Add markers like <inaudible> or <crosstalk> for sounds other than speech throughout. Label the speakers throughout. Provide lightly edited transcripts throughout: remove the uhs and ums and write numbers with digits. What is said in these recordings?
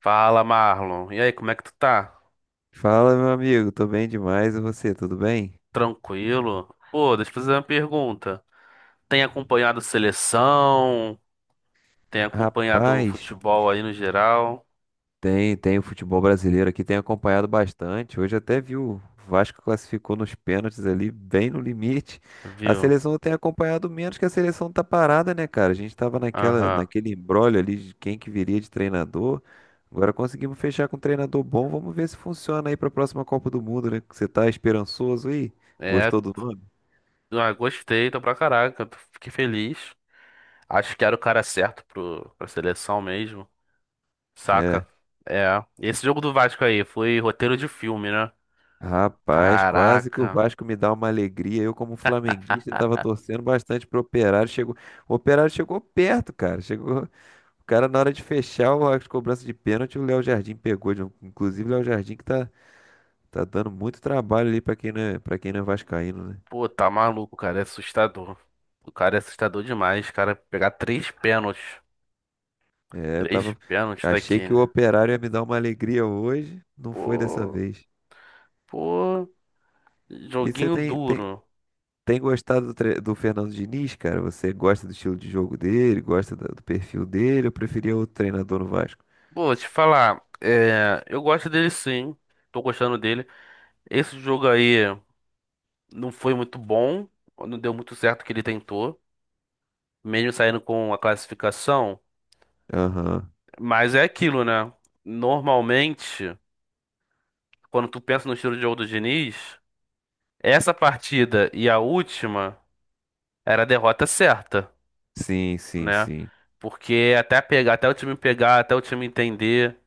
Speaker 1: Fala, Marlon. E aí, como é que tu tá?
Speaker 2: Fala, meu amigo, tô bem demais. E você, tudo bem?
Speaker 1: Tranquilo? Pô, deixa eu fazer uma pergunta. Tem acompanhado seleção? Tem acompanhado o
Speaker 2: Rapaz,
Speaker 1: futebol aí no geral?
Speaker 2: tem o futebol brasileiro aqui, tem acompanhado bastante. Hoje até vi o Vasco classificou nos pênaltis ali, bem no limite. A
Speaker 1: Viu?
Speaker 2: seleção tem acompanhado menos que a seleção tá parada, né, cara? A gente tava
Speaker 1: Aham.
Speaker 2: naquele imbróglio ali de quem que viria de treinador. Agora conseguimos fechar com um treinador bom. Vamos ver se funciona aí pra próxima Copa do Mundo, né? Você tá esperançoso aí?
Speaker 1: É,
Speaker 2: Gostou do nome?
Speaker 1: ah, gostei, tô pra caraca. Fiquei feliz. Acho que era o cara certo pra seleção mesmo.
Speaker 2: É.
Speaker 1: Saca? É. Esse jogo do Vasco aí foi roteiro de filme, né?
Speaker 2: Rapaz, quase que o
Speaker 1: Caraca.
Speaker 2: Vasco me dá uma alegria. Eu, como flamenguista, estava torcendo bastante pro Operário. Chegou, o Operário chegou perto, cara. Chegou, o cara na hora de fechar as cobranças de pênalti, o Léo Jardim pegou. Inclusive, o Léo Jardim que tá dando muito trabalho ali para quem não é, para quem não é vascaíno, né?
Speaker 1: Pô, tá maluco, cara. É assustador. O cara é assustador demais, cara. Pegar três pênaltis.
Speaker 2: É,
Speaker 1: Três pênaltis da
Speaker 2: achei que o
Speaker 1: Kane.
Speaker 2: Operário ia me dar uma alegria hoje, não foi dessa
Speaker 1: Pô,
Speaker 2: vez.
Speaker 1: pô,
Speaker 2: E você
Speaker 1: joguinho duro.
Speaker 2: tem gostado do Fernando Diniz, cara? Você gosta do estilo de jogo dele, gosta do perfil dele? Eu preferia outro treinador no Vasco.
Speaker 1: Pô, te falar, eu gosto dele, sim, tô gostando dele. Esse jogo aí não foi muito bom, não deu muito certo o que ele tentou, mesmo saindo com a classificação.
Speaker 2: Aham.
Speaker 1: Mas é aquilo, né? Normalmente, quando tu pensa no estilo de jogo do Diniz, essa partida e a última era a derrota certa,
Speaker 2: Sim, sim,
Speaker 1: né?
Speaker 2: sim.
Speaker 1: Porque até pegar, até o time pegar, até o time entender,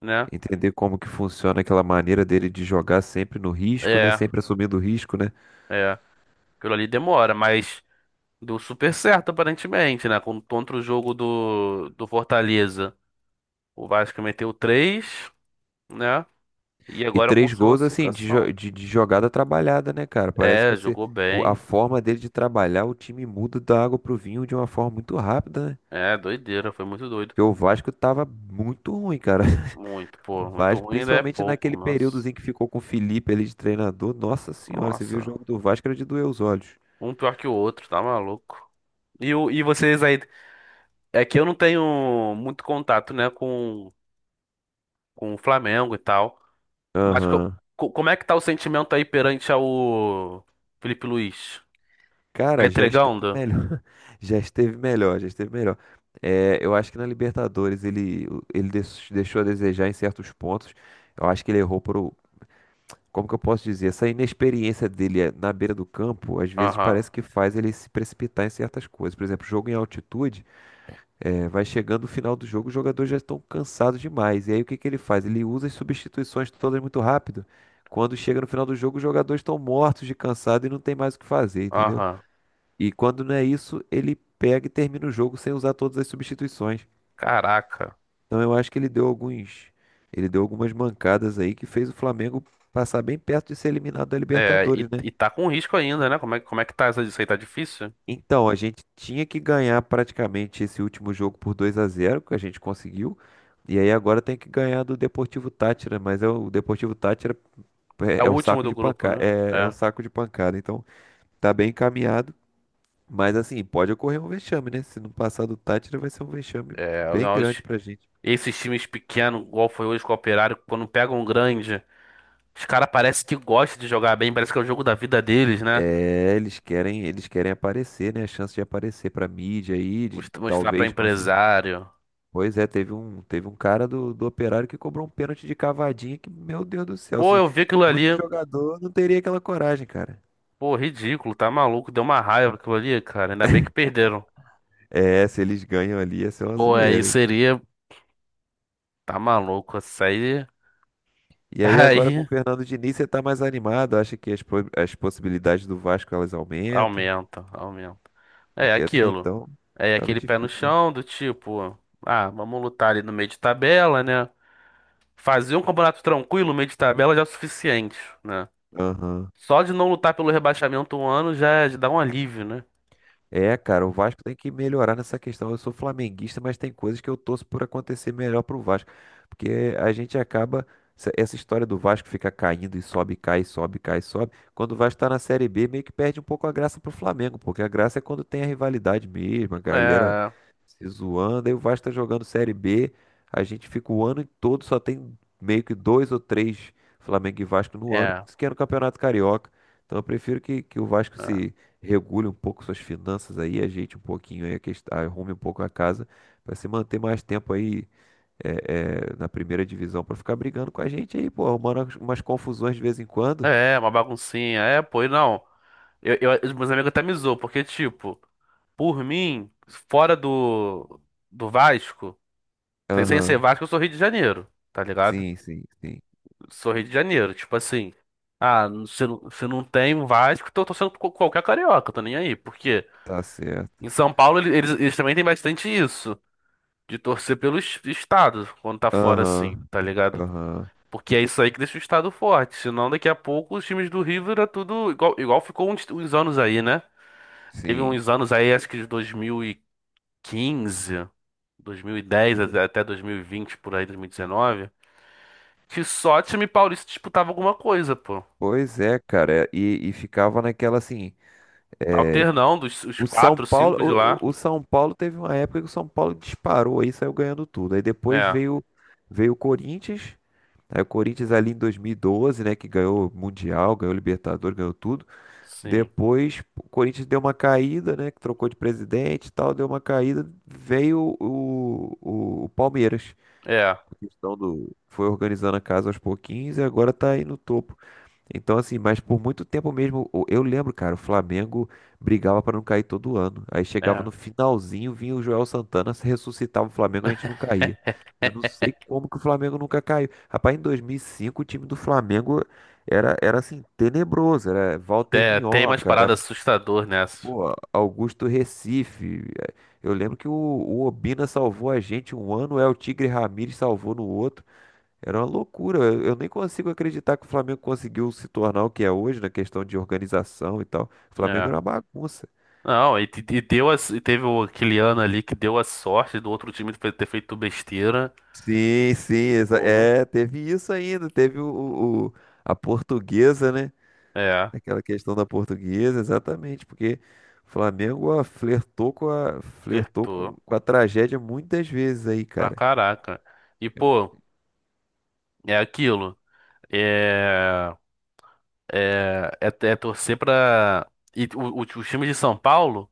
Speaker 1: né?
Speaker 2: Entender como que funciona aquela maneira dele de jogar sempre no risco, né?
Speaker 1: É,
Speaker 2: Sempre assumindo o risco, né?
Speaker 1: é. Aquilo ali demora, mas deu super certo aparentemente, né? Contra o jogo do Fortaleza. O Vasco meteu 3, né? E
Speaker 2: E
Speaker 1: agora
Speaker 2: três
Speaker 1: conseguiu a
Speaker 2: gols, assim,
Speaker 1: classificação.
Speaker 2: de jogada trabalhada, né, cara? Parece
Speaker 1: É,
Speaker 2: que
Speaker 1: jogou
Speaker 2: a
Speaker 1: bem.
Speaker 2: forma dele de trabalhar, o time muda da água pro vinho de uma forma muito rápida, né?
Speaker 1: É, doideira, foi muito doido.
Speaker 2: Porque o Vasco tava muito ruim, cara.
Speaker 1: Muito,
Speaker 2: O
Speaker 1: pô, muito
Speaker 2: Vasco,
Speaker 1: ruim ainda é
Speaker 2: principalmente
Speaker 1: pouco,
Speaker 2: naquele
Speaker 1: nossa.
Speaker 2: períodozinho que ficou com o Felipe ali de treinador. Nossa senhora, você viu o jogo
Speaker 1: Nossa.
Speaker 2: do Vasco, era de doer os olhos.
Speaker 1: Um pior que o outro, tá maluco. E vocês aí? É que eu não tenho muito contato, né, com o Flamengo e tal. Mas
Speaker 2: Aham.
Speaker 1: como é que tá o sentimento aí perante ao Felipe Luiz? Tá
Speaker 2: Cara, já esteve
Speaker 1: entregando?
Speaker 2: melhor. <laughs> Já esteve melhor, já esteve melhor. É, eu acho que na Libertadores deixou a desejar em certos pontos. Eu acho que ele errou por. Como que eu posso dizer? Essa inexperiência dele é, na beira do campo, às vezes
Speaker 1: Aham,
Speaker 2: parece que faz ele se precipitar em certas coisas. Por exemplo, jogo em altitude. É, vai chegando o final do jogo, os jogadores já estão cansados demais. E aí o que que ele faz? Ele usa as substituições todas muito rápido. Quando chega no final do jogo, os jogadores estão mortos de cansado e não tem mais o que fazer, entendeu?
Speaker 1: aham.
Speaker 2: E quando não é isso, ele pega e termina o jogo sem usar todas as substituições.
Speaker 1: Caraca.
Speaker 2: Então eu acho que ele deu algumas mancadas aí que fez o Flamengo passar bem perto de ser eliminado da
Speaker 1: É,
Speaker 2: Libertadores,
Speaker 1: e,
Speaker 2: né?
Speaker 1: e tá com risco ainda, né? Como é que tá isso aí? Tá difícil?
Speaker 2: Então, a gente tinha que ganhar praticamente esse último jogo por 2-0 que a gente conseguiu. E aí agora tem que ganhar do Deportivo Táchira, mas é o Deportivo Táchira
Speaker 1: É
Speaker 2: é,
Speaker 1: o
Speaker 2: é o
Speaker 1: último
Speaker 2: saco
Speaker 1: do
Speaker 2: de
Speaker 1: grupo,
Speaker 2: pancada,
Speaker 1: né?
Speaker 2: é, é o
Speaker 1: É.
Speaker 2: saco de pancada. Então, tá bem encaminhado, mas assim, pode ocorrer um vexame, né? Se não passar do Táchira vai ser um vexame
Speaker 1: É,
Speaker 2: bem grande
Speaker 1: nós,
Speaker 2: pra gente.
Speaker 1: esses times pequenos, igual foi hoje com o Operário, quando pegam um grande, os caras parece que gostam de jogar bem, parece que é o jogo da vida deles, né?
Speaker 2: É, eles querem aparecer, né? A chance de aparecer pra mídia aí, de
Speaker 1: Mostrar pra
Speaker 2: talvez conseguir.
Speaker 1: empresário.
Speaker 2: Pois é, teve um cara do Operário que cobrou um pênalti de cavadinha que, meu Deus do céu,
Speaker 1: Pô,
Speaker 2: se,
Speaker 1: eu vi aquilo ali,
Speaker 2: muito jogador não teria aquela coragem, cara.
Speaker 1: pô, ridículo, tá maluco, deu uma raiva aquilo ali, cara. Ainda bem que perderam.
Speaker 2: É, se eles ganham ali, ia ser uma
Speaker 1: Pô, aí
Speaker 2: zoeira, hein?
Speaker 1: seria. Tá maluco, isso aí. <laughs>
Speaker 2: E aí agora com o
Speaker 1: Aí
Speaker 2: Fernando Diniz você tá mais animado, acha que as possibilidades do Vasco elas aumentam?
Speaker 1: aumenta, aumenta. É
Speaker 2: Porque até
Speaker 1: aquilo.
Speaker 2: então
Speaker 1: É
Speaker 2: tava
Speaker 1: aquele pé no
Speaker 2: difícil, né?
Speaker 1: chão do tipo, ah, vamos lutar ali no meio de tabela, né? Fazer um campeonato tranquilo, no meio de tabela já é o suficiente, né?
Speaker 2: Aham.
Speaker 1: Só de não lutar pelo rebaixamento um ano já já dá um alívio, né?
Speaker 2: É, cara, o Vasco tem que melhorar nessa questão. Eu sou flamenguista, mas tem coisas que eu torço por acontecer melhor pro Vasco. Porque a gente acaba. Essa história do Vasco fica caindo e sobe, cai, sobe, cai, sobe. Quando o Vasco tá na Série B, meio que perde um pouco a graça pro Flamengo. Porque a graça é quando tem a rivalidade mesmo, a galera
Speaker 1: É,
Speaker 2: se zoando. Aí o Vasco tá jogando Série B. A gente fica o ano todo, só tem meio que dois ou três Flamengo e Vasco no ano,
Speaker 1: é,
Speaker 2: isso que é no Campeonato Carioca. Então eu prefiro que o Vasco se regule um pouco suas finanças aí, ajeite um pouquinho aí, arrume um pouco a casa, para se manter mais tempo aí é, é, na primeira divisão, para ficar brigando com a gente aí, pô, arrumando umas confusões de vez em quando.
Speaker 1: é, é uma baguncinha. É, pô, e não. Os meus amigos até me zoam, porque, tipo, por mim, fora do Vasco. Sem ser
Speaker 2: Aham,
Speaker 1: Vasco, eu sou Rio de Janeiro, tá ligado?
Speaker 2: sim, sim, sim.
Speaker 1: Sou Rio de Janeiro, tipo assim. Ah, se não tem Vasco, tô torcendo por qualquer carioca, tô nem aí. Porque
Speaker 2: Tá certo.
Speaker 1: em São Paulo eles também têm bastante isso, de torcer pelo estado, quando tá fora assim,
Speaker 2: Aham,
Speaker 1: tá ligado?
Speaker 2: aham,
Speaker 1: Porque é isso aí que deixa o estado forte. Senão daqui a pouco os times do Rio era tudo igual, igual ficou uns anos aí, né? Teve
Speaker 2: sim.
Speaker 1: uns anos aí, acho que de 2015, 2010 até 2020, por aí, 2019, que só time paulista disputava alguma coisa, pô.
Speaker 2: Pois é, cara, e ficava naquela assim.
Speaker 1: Alternando os
Speaker 2: O São
Speaker 1: quatro,
Speaker 2: Paulo,
Speaker 1: cinco de lá.
Speaker 2: o São Paulo teve uma época que o São Paulo disparou aí, saiu ganhando tudo. Aí depois
Speaker 1: É,
Speaker 2: veio o Corinthians, aí o Corinthians ali em 2012, né, que ganhou Mundial, ganhou Libertadores, ganhou tudo.
Speaker 1: sim.
Speaker 2: Depois o Corinthians deu uma caída, né, que trocou de presidente e tal, deu uma caída, veio o Palmeiras.
Speaker 1: É,
Speaker 2: A questão do foi organizando a casa aos pouquinhos e agora tá aí no topo. Então, assim, mas por muito tempo mesmo, eu lembro, cara, o Flamengo brigava pra não cair todo ano. Aí chegava
Speaker 1: é.
Speaker 2: no finalzinho, vinha o Joel Santana, se ressuscitava o Flamengo, a gente não caía. Eu não sei
Speaker 1: <laughs>
Speaker 2: como que o Flamengo nunca caiu. Rapaz, em 2005 o time do Flamengo era assim, tenebroso. Era Walter
Speaker 1: É, tem umas
Speaker 2: Minhoca, era,
Speaker 1: paradas assustadoras nessa.
Speaker 2: pô, Augusto Recife. Eu lembro que o Obina salvou a gente um ano, é o Tigre Ramírez salvou no outro. Era uma loucura. Eu nem consigo acreditar que o Flamengo conseguiu se tornar o que é hoje na questão de organização e tal. O Flamengo
Speaker 1: É.
Speaker 2: era uma bagunça.
Speaker 1: Não, e deu a, e teve o, aquele ano ali que deu a sorte do outro time ter feito besteira.
Speaker 2: Sim, sim,
Speaker 1: Pô,
Speaker 2: é, teve isso ainda, teve a portuguesa, né?
Speaker 1: é,
Speaker 2: Aquela questão da portuguesa, exatamente, porque o Flamengo ó, flertou
Speaker 1: acertou
Speaker 2: com a tragédia muitas vezes aí,
Speaker 1: pra
Speaker 2: cara.
Speaker 1: caraca. E, pô, é aquilo. É, é, é, é torcer pra. E o time de São Paulo.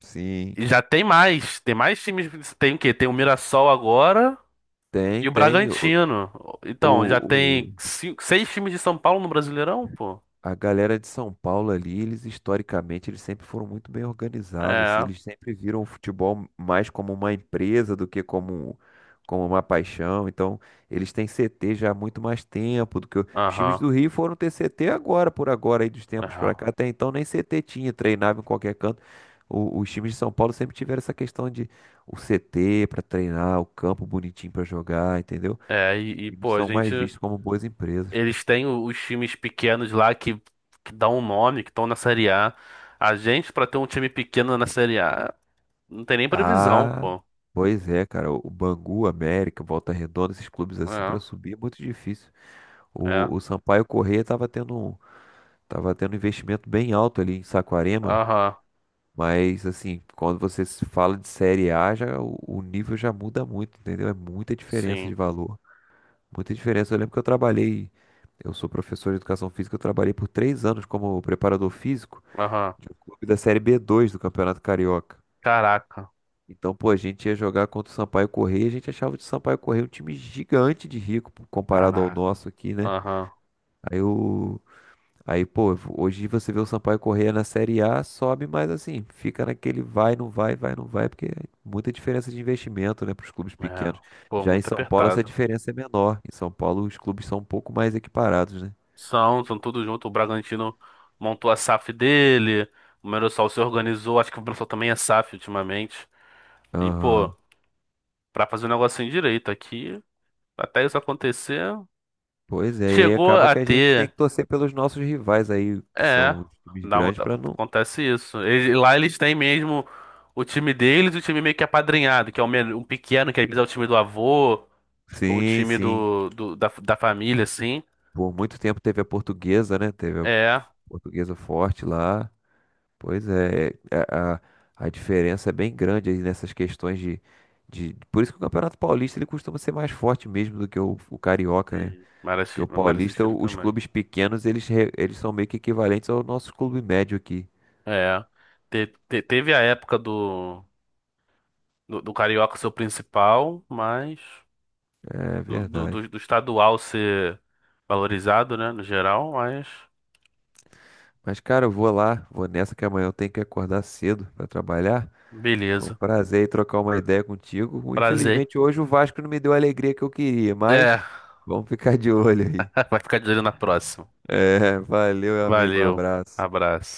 Speaker 2: Sim,
Speaker 1: E já tem mais. Tem mais times. Tem o quê? Tem o Mirassol agora
Speaker 2: tem,
Speaker 1: e o
Speaker 2: tem.
Speaker 1: Bragantino. Então, já
Speaker 2: O,
Speaker 1: tem seis times de São Paulo no Brasileirão, pô.
Speaker 2: A galera de São Paulo ali, eles historicamente, eles sempre foram muito bem organizados, assim,
Speaker 1: É,
Speaker 2: eles sempre viram o futebol mais como uma empresa do que como uma paixão. Então, eles têm CT já há muito mais tempo do que os times
Speaker 1: aham,
Speaker 2: do Rio foram ter CT agora, por agora, aí dos tempos pra
Speaker 1: aham.
Speaker 2: cá. Até então nem CT tinha, treinava em qualquer canto. Os times de São Paulo sempre tiveram essa questão de o CT pra treinar, o campo bonitinho pra jogar, entendeu?
Speaker 1: É, e,
Speaker 2: Eles
Speaker 1: pô, a
Speaker 2: são mais
Speaker 1: gente.
Speaker 2: vistos como boas empresas.
Speaker 1: Eles têm os times pequenos lá que dão um nome, que estão na Série A. A gente, pra ter um time pequeno na Série A, não tem nem previsão,
Speaker 2: Ah,
Speaker 1: pô.
Speaker 2: pois é, cara. O Bangu, América, Volta Redonda, esses clubes assim
Speaker 1: É,
Speaker 2: pra subir é muito difícil.
Speaker 1: é.
Speaker 2: O Sampaio Corrêa tava tendo tava tendo um investimento bem alto ali em Saquarema,
Speaker 1: Aham,
Speaker 2: mas assim, quando você se fala de Série A, já o nível já muda muito, entendeu? É muita diferença de
Speaker 1: sim.
Speaker 2: valor, muita diferença. Eu lembro que eu trabalhei, eu sou professor de educação física, eu trabalhei por 3 anos como preparador físico
Speaker 1: Aham.
Speaker 2: de um clube da Série B2 do Campeonato Carioca.
Speaker 1: Caraca,
Speaker 2: Então, pô, a gente ia jogar contra o Sampaio Correia, a gente achava o Sampaio Correia um time gigante de rico pô, comparado ao
Speaker 1: caraca.
Speaker 2: nosso aqui, né?
Speaker 1: Aham,
Speaker 2: Aí o Aí, pô, hoje você vê o Sampaio Correia na Série A, sobe, mas assim, fica naquele vai, não vai, porque é muita diferença de investimento, né, para os clubes pequenos.
Speaker 1: é. Pô,
Speaker 2: Já em
Speaker 1: muito
Speaker 2: São Paulo essa
Speaker 1: apertado.
Speaker 2: diferença é menor. Em São Paulo os clubes são um pouco mais equiparados, né?
Speaker 1: São tudo junto. O Bragantino montou a SAF dele, o Mirassol se organizou, acho que o Mirassol também é SAF ultimamente. E, pô,
Speaker 2: Aham.
Speaker 1: pra fazer um negocinho direito aqui, até isso acontecer,
Speaker 2: Pois é, e aí
Speaker 1: chegou
Speaker 2: acaba
Speaker 1: a
Speaker 2: que a gente tem
Speaker 1: ter.
Speaker 2: que torcer pelos nossos rivais aí, que
Speaker 1: É,
Speaker 2: são os times
Speaker 1: um,
Speaker 2: grandes, para não.
Speaker 1: acontece isso. Lá eles têm mesmo o time deles e o time meio que apadrinhado, que é o pequeno, que às vezes é o time do avô, ou o
Speaker 2: Sim,
Speaker 1: time
Speaker 2: sim.
Speaker 1: da família, assim.
Speaker 2: Por muito tempo teve a portuguesa, né? Teve a
Speaker 1: É.
Speaker 2: portuguesa forte lá. Pois é, é, é, a diferença é bem grande aí nessas questões de, de. Por isso que o Campeonato Paulista ele costuma ser mais forte mesmo do que o Carioca, né?
Speaker 1: Sim. Mara
Speaker 2: Porque o
Speaker 1: Mara
Speaker 2: Paulista,
Speaker 1: Sixiro
Speaker 2: os
Speaker 1: também.
Speaker 2: clubes pequenos, eles são meio que equivalentes ao nosso clube médio aqui.
Speaker 1: É. Teve a época do carioca ser o principal, mas
Speaker 2: É
Speaker 1: do, do,
Speaker 2: verdade.
Speaker 1: do- do estadual ser valorizado, né, no geral, mas
Speaker 2: Mas, cara, eu vou lá, vou nessa que amanhã eu tenho que acordar cedo para trabalhar. Foi um
Speaker 1: beleza.
Speaker 2: prazer aí trocar uma ideia contigo.
Speaker 1: Prazer.
Speaker 2: Infelizmente, hoje o Vasco não me deu a alegria que eu queria, mas
Speaker 1: É,
Speaker 2: vamos ficar de olho aí.
Speaker 1: <laughs> vai ficar de olho na próxima.
Speaker 2: É, valeu, meu amigo. Um
Speaker 1: Valeu.
Speaker 2: abraço.
Speaker 1: Abraço.